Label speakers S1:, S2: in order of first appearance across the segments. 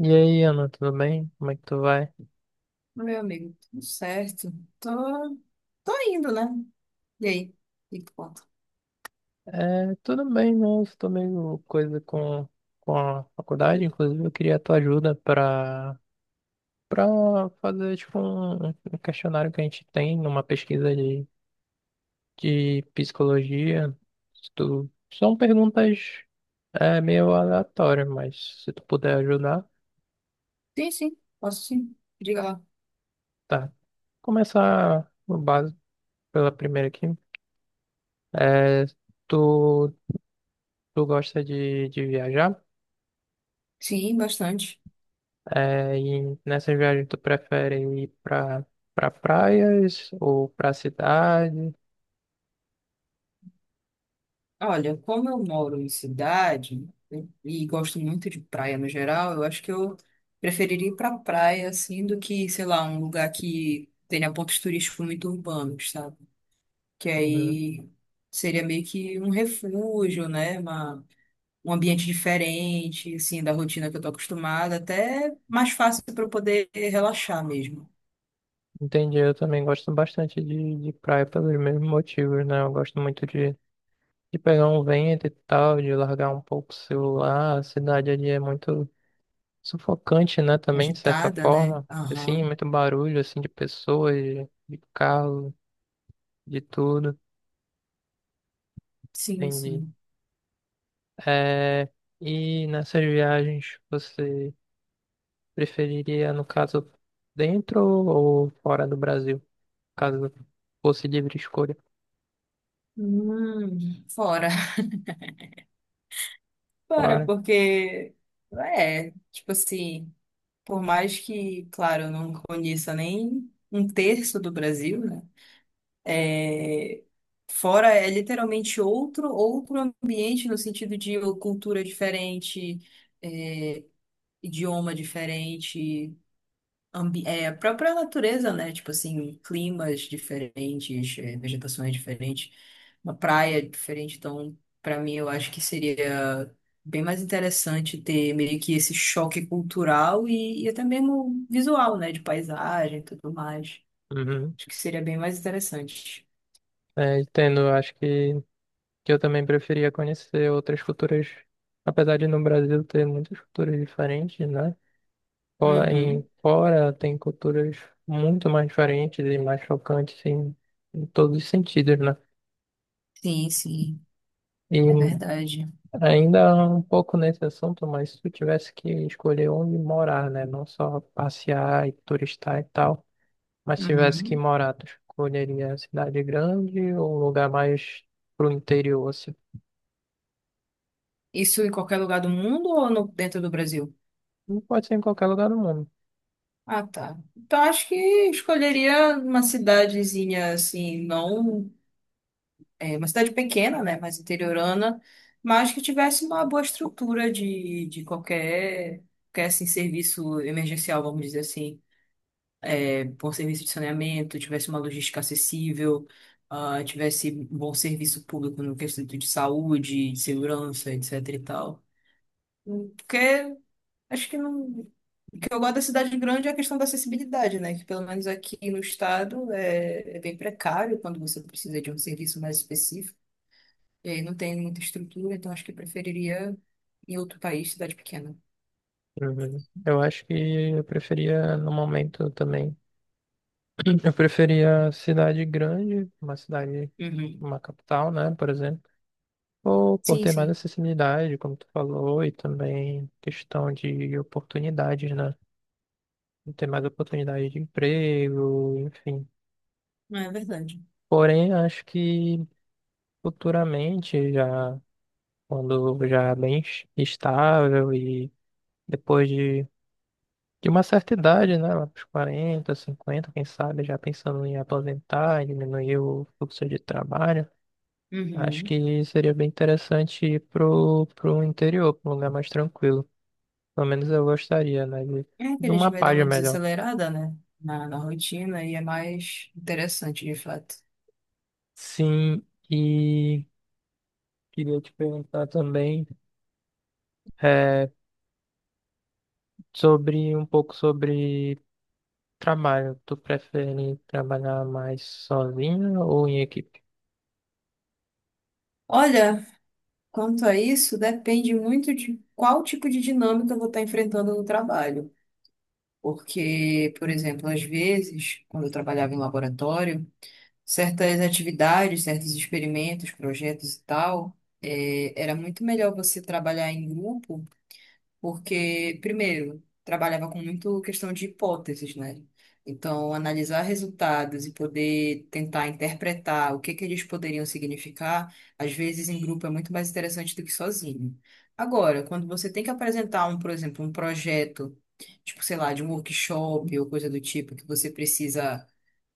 S1: E aí, Ana, tudo bem? Como é que tu vai?
S2: Meu amigo, tudo certo. Tô, tô indo, né? E aí? E que tu conta?
S1: É, tudo bem, né? Eu estou meio coisa com a faculdade, inclusive eu queria a tua ajuda para fazer tipo um questionário que a gente tem numa pesquisa de psicologia. Se tu- são perguntas meio aleatórias, mas se tu puder ajudar,
S2: Sim, sim, posso sim. Diga lá.
S1: tá. Começar no básico pela primeira aqui. É, tu, tu gosta de viajar?
S2: Sim, bastante.
S1: É, e nessas viagens tu prefere ir pra praias ou pra cidade?
S2: Olha, como eu moro em cidade, né, e gosto muito de praia no geral, eu acho que eu preferiria ir pra praia, assim, do que, sei lá, um lugar que tenha pontos turísticos muito urbanos, sabe? Que
S1: Uhum.
S2: aí seria meio que um refúgio, né? Uma um ambiente diferente, assim, da rotina que eu tô acostumada, até mais fácil para eu poder relaxar mesmo.
S1: Entendi, eu também gosto bastante de praia pelos mesmos motivos, né? Eu gosto muito de pegar um vento e tal, de largar um pouco o celular. A cidade ali é muito sufocante, né? Também, de certa
S2: Agitada, né?
S1: forma.
S2: Aham.
S1: Assim, muito barulho, assim, de pessoas, de carro, de tudo.
S2: Sim,
S1: Entendi.
S2: sim.
S1: É, e nessas viagens você preferiria, no caso, dentro ou fora do Brasil, caso fosse livre escolha.
S2: Fora. Fora,
S1: Fora.
S2: porque é, tipo assim, por mais que, claro, eu não conheça nem um terço do Brasil, né? É, fora é literalmente outro ambiente no sentido de cultura diferente, é, idioma diferente. A própria natureza, né? Tipo assim, climas diferentes, vegetações diferentes, uma praia diferente. Então, para mim, eu acho que seria bem mais interessante ter meio que esse choque cultural e até mesmo visual, né? De paisagem e tudo mais.
S1: Uhum.
S2: Acho que seria bem mais interessante.
S1: É, entendo, eu acho que eu também preferia conhecer outras culturas, apesar de no Brasil ter muitas culturas diferentes, né?
S2: Uhum.
S1: Fora tem culturas muito mais diferentes e mais chocantes em todos os sentidos, né?
S2: Sim, sim,
S1: E
S2: é verdade.
S1: ainda um pouco nesse assunto, mas se eu tivesse que escolher onde morar, né? Não só passear e turistar e tal. Mas se tivesse que
S2: Uhum.
S1: morar, tu escolheria a cidade grande ou um lugar mais pro interior, assim?
S2: Isso em qualquer lugar do mundo ou dentro do Brasil?
S1: Não. Pode ser em qualquer lugar do mundo.
S2: Ah, tá. Então acho que escolheria uma cidadezinha assim, não é, uma cidade pequena, né, mais interiorana, mas que tivesse uma boa estrutura de qualquer, qualquer assim, serviço emergencial, vamos dizer assim. É, bom serviço de saneamento, tivesse uma logística acessível, tivesse bom serviço público no quesito de saúde, de segurança, etc e tal. Porque acho que não. O que eu gosto da cidade grande é a questão da acessibilidade, né? Que pelo menos aqui no estado é bem precário quando você precisa de um serviço mais específico. E aí não tem muita estrutura, então acho que eu preferiria em outro país, cidade pequena.
S1: Uhum. Eu acho que eu preferia, no momento também, eu preferia cidade grande, uma cidade,
S2: Uhum.
S1: uma capital, né, por exemplo, ou por
S2: Sim,
S1: ter mais
S2: sim.
S1: acessibilidade, como tu falou, e também questão de oportunidades, né, de ter mais oportunidade de emprego, enfim.
S2: Não, é verdade.
S1: Porém, acho que futuramente já quando já é bem es- estável e depois de uma certa idade, né, lá pros 40 50 quem sabe, já pensando em aposentar, em diminuir o fluxo de trabalho, acho
S2: Uhum.
S1: que seria bem interessante ir pro interior, pra um lugar mais tranquilo. Pelo menos eu gostaria, né,
S2: É que a
S1: de
S2: gente
S1: uma
S2: vai dar
S1: página
S2: uma
S1: melhor.
S2: desacelerada, né? Na rotina, e é mais interessante, de fato.
S1: Sim, e queria te perguntar também é, sobre um pouco sobre trabalho, tu prefere trabalhar mais sozinho ou em equipe?
S2: Olha, quanto a isso, depende muito de qual tipo de dinâmica eu vou estar enfrentando no trabalho. Porque, por exemplo, às vezes, quando eu trabalhava em laboratório, certas atividades, certos experimentos, projetos e tal, era muito melhor você trabalhar em grupo, porque, primeiro, trabalhava com muito questão de hipóteses, né? Então, analisar resultados e poder tentar interpretar o que que eles poderiam significar, às vezes em grupo é muito mais interessante do que sozinho. Agora, quando você tem que apresentar um, por exemplo, um projeto, tipo, sei lá, de um workshop ou coisa do tipo, que você precisa,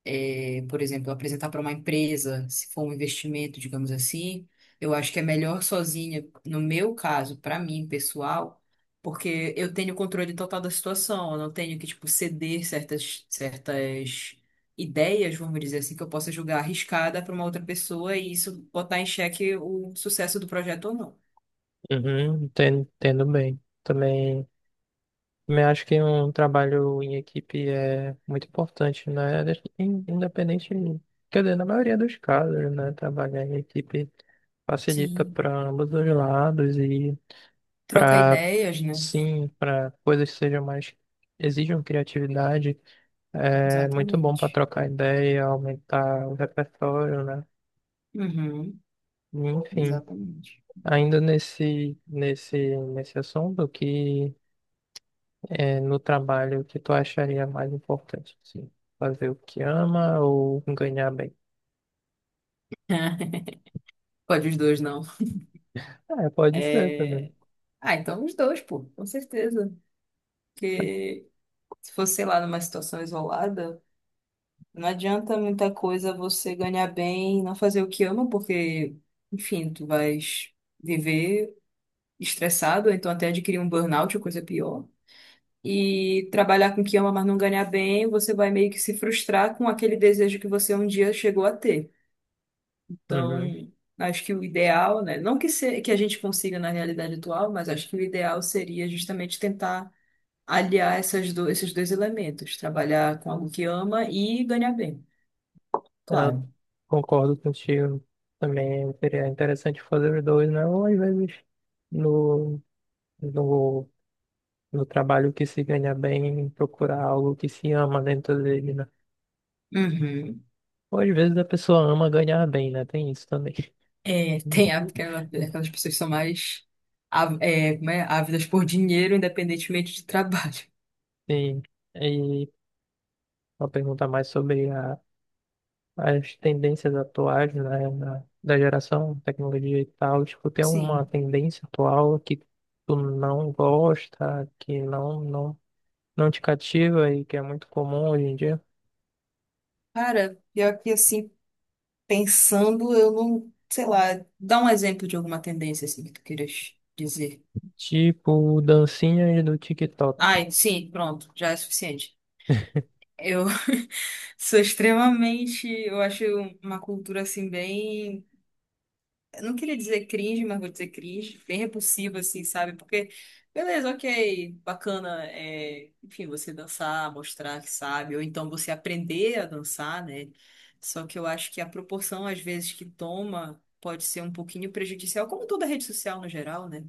S2: por exemplo, apresentar para uma empresa, se for um investimento, digamos assim, eu acho que é melhor sozinha, no meu caso, para mim, pessoal, porque eu tenho controle total da situação, eu não tenho que, tipo, ceder certas ideias, vamos dizer assim, que eu possa julgar arriscada para uma outra pessoa e isso botar em xeque o sucesso do projeto ou não.
S1: Uhum, entendo, entendo bem. Também, também acho que um trabalho em equipe é muito importante, né? In- independente, quer dizer, na maioria dos casos, né? Trabalhar em equipe facilita
S2: Sim.
S1: para ambos os lados e
S2: Troca
S1: para,
S2: ideias, né?
S1: sim, para coisas que sejam mais, exijam criatividade, é muito bom para
S2: Exatamente.
S1: trocar ideia, aumentar o repertório, né?
S2: Uhum,
S1: Enfim.
S2: exatamente.
S1: Ainda nesse assunto, que é no trabalho o que tu acharia mais importante? Sim. Fazer o que ama ou ganhar bem?
S2: Pode os dois, não.
S1: É, pode ser também.
S2: É, Ah, então os dois, pô, com certeza. Porque se fosse, sei lá, numa situação isolada, não adianta muita coisa você ganhar bem e não fazer o que ama, porque, enfim, tu vais viver estressado, ou então até adquirir um burnout ou coisa pior. E trabalhar com o que ama, mas não ganhar bem, você vai meio que se frustrar com aquele desejo que você um dia chegou a ter. Então,
S1: Uhum.
S2: acho que o ideal, né? Não que, se, que a gente consiga na realidade atual, mas acho que o ideal seria justamente tentar aliar esses dois elementos, trabalhar com algo que ama e ganhar bem,
S1: Eu
S2: claro.
S1: concordo contigo. Também seria interessante fazer os dois, né? Ou às vezes no, no, no trabalho que se ganha bem, procurar algo que se ama dentro dele, né?
S2: Uhum.
S1: Ou às vezes a pessoa ama ganhar bem, né? Tem isso também.
S2: É, tem a- aquela- aquelas pessoas que são mais como é? Ávidas por dinheiro, independentemente de trabalho.
S1: Sim. E uma pergunta mais sobre a, as tendências atuais, né, na- da geração tecnologia e tal. Tipo, tem uma
S2: Sim.
S1: tendência atual que tu não gosta, que não te cativa e que é muito comum hoje em dia?
S2: Cara, pior que assim, pensando, eu não, sei lá, dá um exemplo de alguma tendência assim que tu queiras dizer.
S1: Tipo, dancinhas do TikTok.
S2: Ai, sim, pronto, já é suficiente. Eu sou extremamente, eu acho, uma cultura assim bem, eu não queria dizer cringe, mas vou dizer cringe, bem repulsivo, assim, sabe? Porque, beleza, ok, bacana, enfim, você dançar, mostrar que sabe, ou então você aprender a dançar, né? Só que eu acho que a proporção, às vezes, que toma pode ser um pouquinho prejudicial, como toda rede social no geral, né?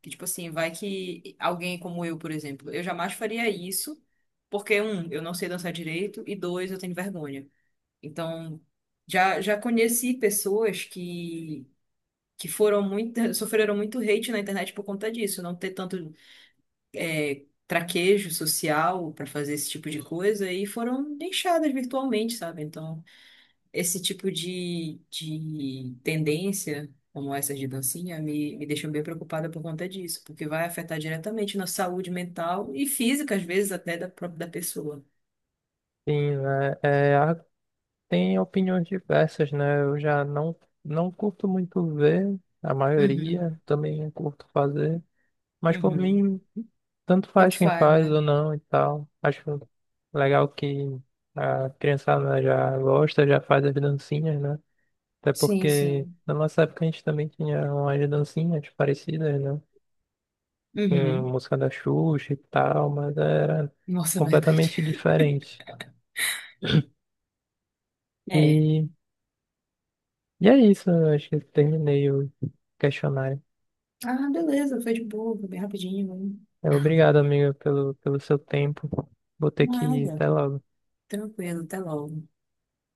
S2: Que, tipo assim, vai que alguém como eu, por exemplo, eu jamais faria isso, porque, um, eu não sei dançar direito, e dois, eu tenho vergonha. Então, já conheci pessoas que foram muito, sofreram muito hate na internet por conta disso, não ter tanto, traquejo social para fazer esse tipo de coisa e foram deixadas virtualmente, sabe? Então, esse tipo de tendência, como essas de dancinha, me deixam bem preocupada por conta disso, porque vai afetar diretamente na saúde mental e física, às vezes, até da própria da pessoa.
S1: Sim, né? É, há- tem opiniões diversas, né? Eu já não, não curto muito ver, a
S2: Uhum,
S1: maioria também não curto fazer. Mas por
S2: uhum.
S1: mim, tanto
S2: Tanto
S1: faz quem
S2: faz,
S1: faz
S2: né?
S1: ou não e tal. Acho legal que a criançada já gosta, já faz as dancinhas, né? Até
S2: Sim,
S1: porque
S2: sim.
S1: na nossa época a gente também tinha umas dancinhas parecidas, né? Em
S2: Uhum.
S1: música da Xuxa e tal, mas era
S2: Nossa, é verdade.
S1: completamente diferente.
S2: É.
S1: E, e é isso, eu acho que eu terminei o questionário.
S2: Ah, beleza, foi de boa, foi bem rapidinho, hein?
S1: É, obrigado, amigo, pelo seu tempo. Vou ter que ir
S2: Nada,
S1: até logo.
S2: tranquilo, até logo.